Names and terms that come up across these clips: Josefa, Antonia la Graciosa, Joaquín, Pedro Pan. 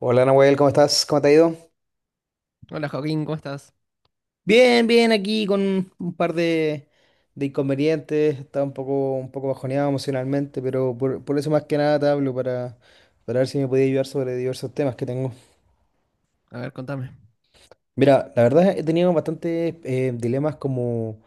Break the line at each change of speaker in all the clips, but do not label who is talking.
Hola, Nahuel, ¿cómo estás? ¿Cómo te ha ido?
Hola Joaquín, ¿cómo estás?
Bien, bien, aquí con un par de inconvenientes. Estaba un poco bajoneado emocionalmente, pero por eso más que nada te hablo para ver si me podía ayudar sobre diversos temas que tengo.
A ver, contame.
Mira, la verdad he tenido bastantes dilemas como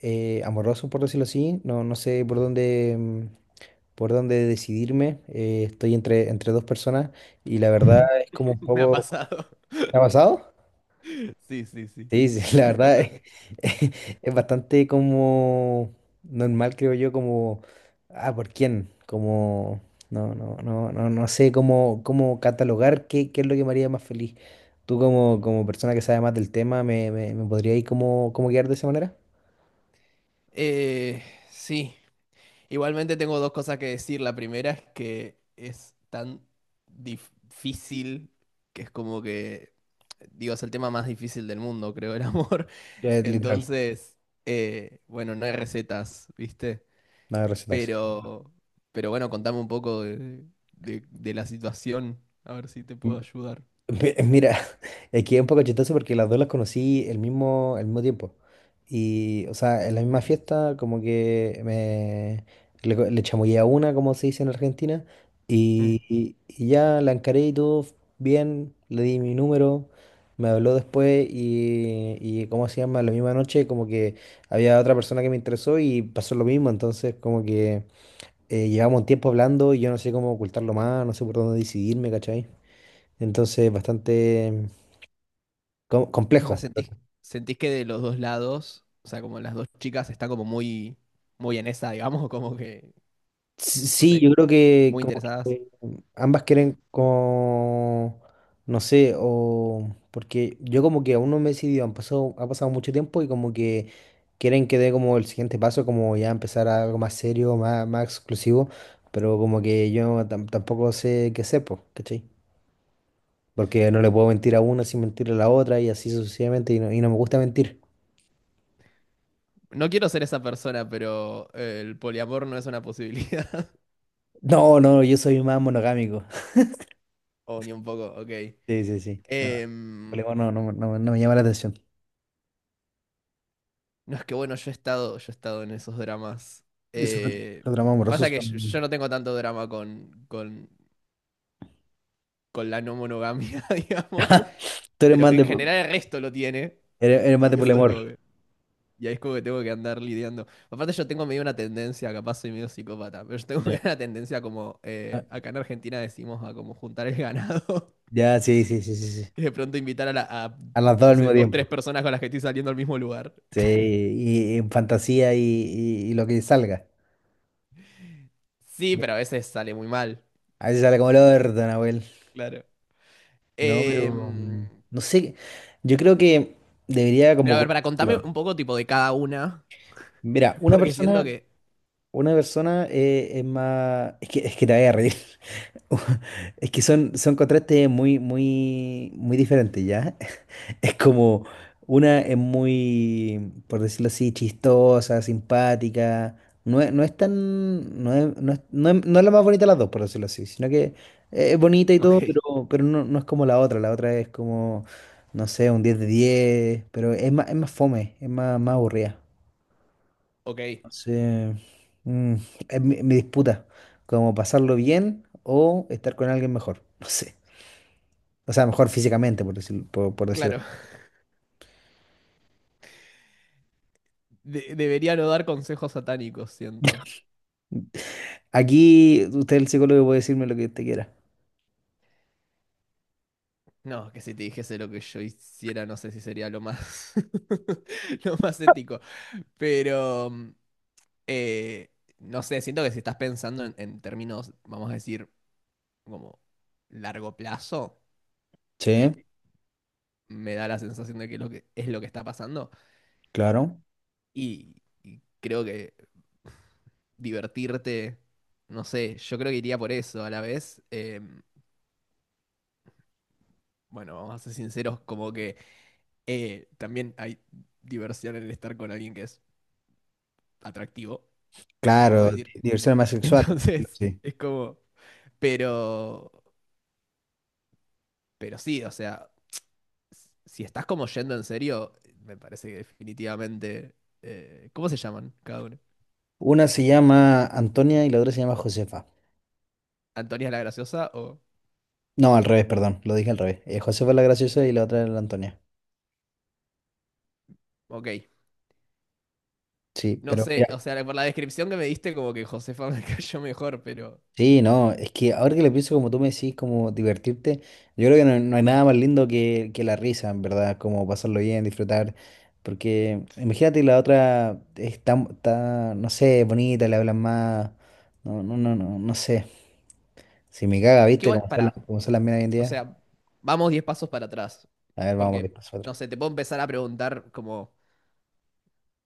amorosos, por decirlo así. No, no sé por dónde, por dónde decidirme. Estoy entre, entre dos personas y la verdad es como un
Me ha
poco...
pasado.
¿Te ha pasado?
Sí, sí, sí.
Sí, sí, la verdad es,
Contame.
es bastante como normal, creo yo, como, ah, ¿por quién? Como, no, no, no, no, no sé cómo, cómo catalogar qué, qué es lo que me haría más feliz. Tú como, como persona que sabe más del tema, ¿me podrías ir como, como guiar de esa manera?
Eh, sí, Igualmente tengo dos cosas que decir. La primera es que es tan difícil que es como que, digo, es el tema más difícil del mundo, creo, el amor.
Literal,
Entonces, bueno, no hay recetas, ¿viste?
nada de recetas.
Pero, pero bueno, contame un poco de, de la situación, a ver si te puedo ayudar.
Mira, aquí es un poco chistoso porque las dos las conocí el mismo tiempo. Y, o sea, en la misma fiesta, como que me le, le chamullé a una, como se dice en Argentina,
Mm.
y, y- y ya la encaré y todo bien, le di mi número, me habló después ¿cómo se llama? La misma noche, como que había otra persona que me interesó y pasó lo mismo. Entonces, como que llevamos un tiempo hablando y yo no sé cómo ocultarlo más, no sé por dónde decidirme, ¿cachai? Entonces, bastante
O sea,
complejo.
sentís que de los dos lados, o sea, como las dos chicas están como muy, muy en esa, digamos, como que, no
Sí,
sé,
yo creo que
muy
como
interesadas.
que ambas quieren como, no sé, o porque yo como que aún no me he decidido, han pasado, ha pasado mucho tiempo y como que quieren que dé como el siguiente paso, como ya empezar a algo más serio, más, más exclusivo, pero como que yo tampoco sé qué sé, pues, ¿cachai? Porque no le puedo mentir a una sin mentirle a la otra y así sucesivamente y no me gusta mentir.
No quiero ser esa persona, pero el poliamor no es una posibilidad.
No, no, yo soy más monogámico.
O ni un poco, ok.
Sí, sí, sí. No.
Em,
Problema no, no, no, no me llama la atención.
no es que bueno, yo he estado en esos dramas. Eh,
Esos dramas
Pasa
amorosos
que yo
son...
no tengo tanto drama con la no monogamia, digamos,
Tú eres
pero
más
en
de,
general el resto lo tiene.
eres, eres más
Y
de
eso es como
poliamor.
que. Y ahí es como que tengo que andar lidiando. Aparte yo tengo medio una tendencia, capaz soy medio psicópata, pero yo tengo
Ya,
medio una tendencia como,
ah,
acá en Argentina decimos a como juntar el ganado
ya, sí, sí, sí, sí, sí.
y de pronto invitar a
A las dos
no
al
sé,
mismo
dos,
tiempo.
tres personas con las que estoy saliendo al mismo lugar.
Sí, y en fantasía y lo que salga.
Sí, pero a veces sale muy mal,
A veces sale como el orto, Nahuel.
claro.
No, pero
Em,
no sé. Yo creo que debería
pero a ver,
como...
para contarme
¿no?
un poco tipo de cada una,
Mira, una
porque siento
persona.
que,
Una persona es más. Es que te voy a reír. Es que son, son contrastes muy, muy, muy diferentes, ¿ya? Es como. Una es muy, por decirlo así, chistosa, simpática. No es, no es tan. No es, no es la más bonita de las dos, por decirlo así. Sino que es bonita y todo,
ok,
pero no, no es como la otra. La otra es como. No sé, un 10 de diez. Pero es más fome, es más, más aburrida.
ok,
Sí. Mm, es mi, mi disputa, como pasarlo bien o estar con alguien mejor, no sé. O sea, mejor físicamente, por decir, por decirlo.
claro, debería no dar consejos satánicos, siento.
Aquí usted, el psicólogo, puede decirme lo que usted quiera.
No, que si te dijese lo que yo hiciera, no sé si sería lo más, lo más ético. Pero, mm, eh, no sé, siento que si estás pensando en términos, vamos a decir, como largo plazo, que
Sí,
me da la sensación de que, lo que es lo que está pasando,
claro.
y, y creo que divertirte, no sé, yo creo que iría por eso a la vez. Bueno, vamos a ser sinceros, como que también hay diversión en estar con alguien que es atractivo. Vamos a
Claro,
decir.
diversión más sexual.
Entonces,
Sí.
es como, pero, pero sí, o sea, si estás como yendo en serio, me parece que definitivamente, ¿cómo se llaman cada uno?
Una se llama Antonia y la otra se llama Josefa.
¿Antonia la Graciosa o...?
No, al revés, perdón, lo dije al revés. Josefa es la graciosa y la otra es la Antonia.
Ok,
Sí,
no
pero
sé, o
mira,
sea, por la descripción que me diste como que Josefa me cayó mejor, pero...
sí, no, es que ahora que lo pienso, como tú me decís, como divertirte, yo creo que no, no hay nada más lindo que la risa, en verdad, como pasarlo bien, disfrutar, porque imagínate la otra es tan, tan, no sé, bonita, le hablan más, no, no, no, no, no sé, si me caga,
Que
¿viste?
igual, para,
Como son las minas hoy en
o
día.
sea, vamos 10 pasos para atrás,
A ver, vamos a ver,
porque,
pasa otra.
no sé, te puedo empezar a preguntar como,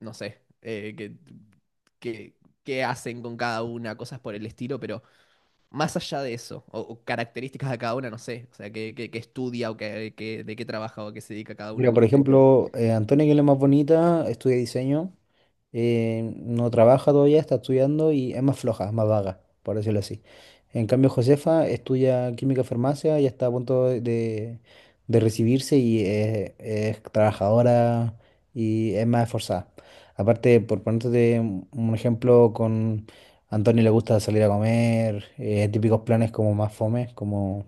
no sé, que, que- qué hacen con cada una, cosas por el estilo, pero... Más allá de eso, o características de cada una, no sé, o sea, qué, qué estudia o qué, de qué trabaja o qué se dedica cada una,
Mira, por
como que,
ejemplo, Antonia, que es la más bonita, estudia diseño. Eh, no trabaja todavía, está estudiando y es más floja, es más vaga, por decirlo así. En cambio, Josefa estudia química farmacia y está a punto de recibirse y es trabajadora y es más esforzada. Aparte, por ponerte un ejemplo, con Antonio le gusta salir a comer, típicos planes como más fome, como,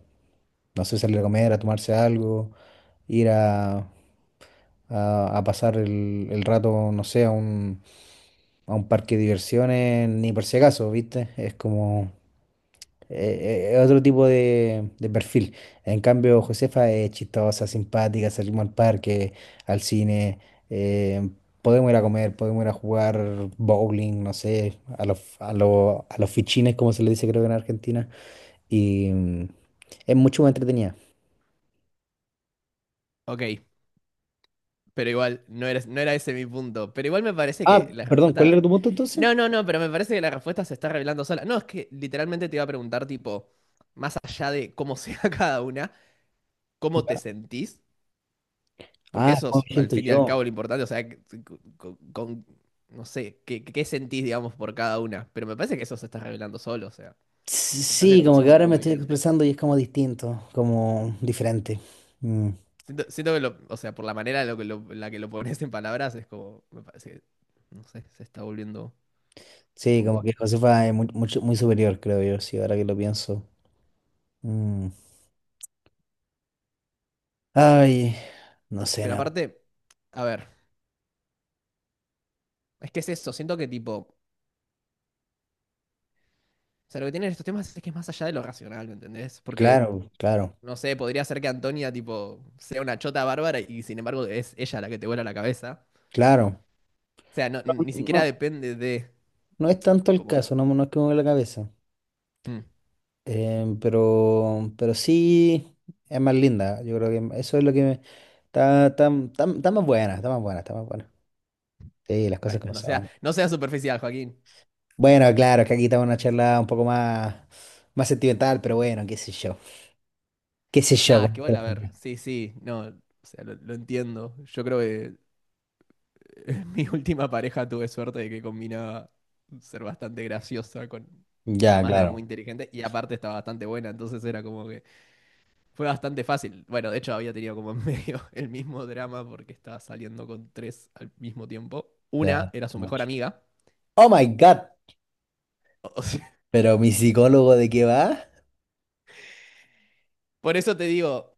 no sé, salir a comer, a tomarse algo, ir a, a pasar el rato, no sé, a un parque de diversiones ni por si acaso, ¿viste? Es como otro tipo de perfil. En cambio, Josefa es chistosa, simpática, salimos al parque, al cine, eh, podemos ir a comer, podemos ir a jugar bowling, no sé, a los, a los, a los fichines, como se le dice creo que en Argentina, y es mucho más entretenida.
ok, pero igual, no era ese mi punto, pero igual me parece
Ah,
que la
perdón, ¿cuál era
respuesta,
tu punto entonces?
no, no, no, pero me parece que la respuesta se está revelando sola, no, es que literalmente te iba a preguntar, tipo, más allá de cómo sea cada una, cómo te
Ya.
sentís, porque
Ah,
eso
¿cómo
es,
me
al
siento
fin y al cabo,
yo?
lo importante, o sea, que- con, con- no sé, qué, qué sentís, digamos, por cada una, pero me parece que eso se está revelando solo, o sea,
Sí,
me parece que
sí,
está
como que
siendo un
ahora me
poco
estoy
evidente.
expresando y es como distinto, como diferente. Mm.
Siento que lo, o sea, por la manera en lo que en la que lo pones en palabras, es como, me parece que, no sé, se está volviendo un
Sí, como
poco.
que Josefa es muy, muy superior, creo yo, sí, ahora que lo pienso. Mm. Ay, no sé,
Pero
nada.
aparte, a ver, es que es eso, siento que tipo, o sea, lo que tienen estos temas es que es más allá de lo racional, ¿me entendés? Porque,
Claro, claro,
no sé, podría ser que Antonia, tipo, sea una chota bárbara y sin embargo es ella la que te vuela la cabeza.
claro.
O sea, no, ni
No,
siquiera depende de,
no es tanto el
como,
caso, no, no es que me mueva la cabeza.
mm,
Em, pero sí es más linda, yo creo que eso es lo que me... Está, está, está, está más buena, está más buena, está más buena. Sí, las cosas
bueno,
como
no sea,
son.
no sea superficial, Joaquín.
Bueno, claro, es que aquí estamos en una charla un poco más, más sentimental, pero bueno, qué sé yo. Qué sé yo.
Nada, es que
Como que
vos, a
la
ver,
gente...
sí, sí, no, o sea, lo entiendo. Yo creo que mi última pareja tuve suerte de que combinaba ser bastante graciosa con,
ya,
además era
claro.
muy inteligente y aparte estaba bastante buena, entonces era como que fue bastante fácil. Bueno, de hecho había tenido como en medio el mismo drama porque estaba saliendo con tres al mismo tiempo.
Ya,
Una era su
too
mejor
much.
amiga.
Oh my God.
O sea,
Pero mi psicólogo, ¿de qué va?
por eso te digo,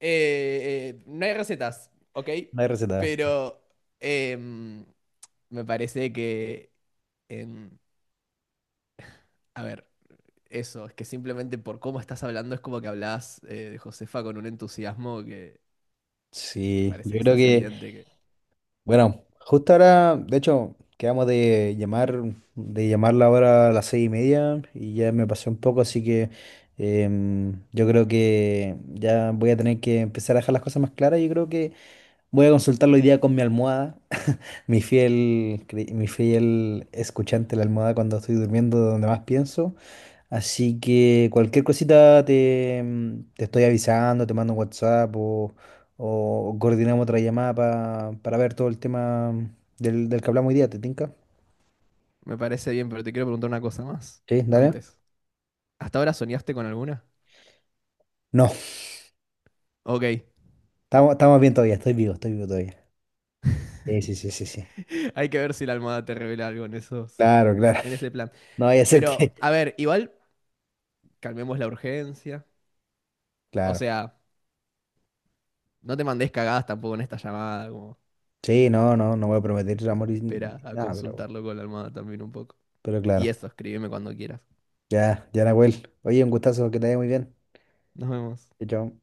no hay recetas, ¿ok?
No hay receta.
Pero em, me parece que, em, a ver, eso, es que simplemente por cómo estás hablando es como que hablas de Josefa con un entusiasmo que
Sí,
parece
yo
que
creo
estás
que,
evidente que...
bueno, justo ahora, de hecho, quedamos de llamar, de llamarla ahora a las 6:30 y ya me pasé un poco, así que yo creo que ya voy a tener que empezar a dejar las cosas más claras. Yo creo que voy a consultarlo hoy día con mi almohada, mi fiel, mi fiel escuchante la almohada cuando estoy durmiendo, donde más pienso. Así que cualquier cosita te, te estoy avisando, te mando un WhatsApp o coordinamos otra llamada para ver todo el tema del que hablamos hoy día, ¿te tinca?
Me parece bien, pero te quiero preguntar una cosa más.
Sí, dale.
Antes. ¿Hasta ahora soñaste con alguna?
No,
Ok.
estamos, estamos bien todavía, estoy vivo todavía. Sí, sí, sí, sí, sí.
Hay que ver si la almohada te revela algo en esos,
Claro, claro.
en ese plan.
No vaya a ser que.
Pero, a ver, igual calmemos la urgencia. O
Claro.
sea, no te mandes cagadas tampoco en esta llamada, como
Sí, no, no, no voy a prometer amor y
espera a
nada,
consultarlo con la almohada también un poco.
pero
Y
claro.
eso, escríbeme cuando quieras.
Ya, ya, Nahuel. Oye, un gustazo, que te vaya muy bien.
Nos vemos.
Chao, chao.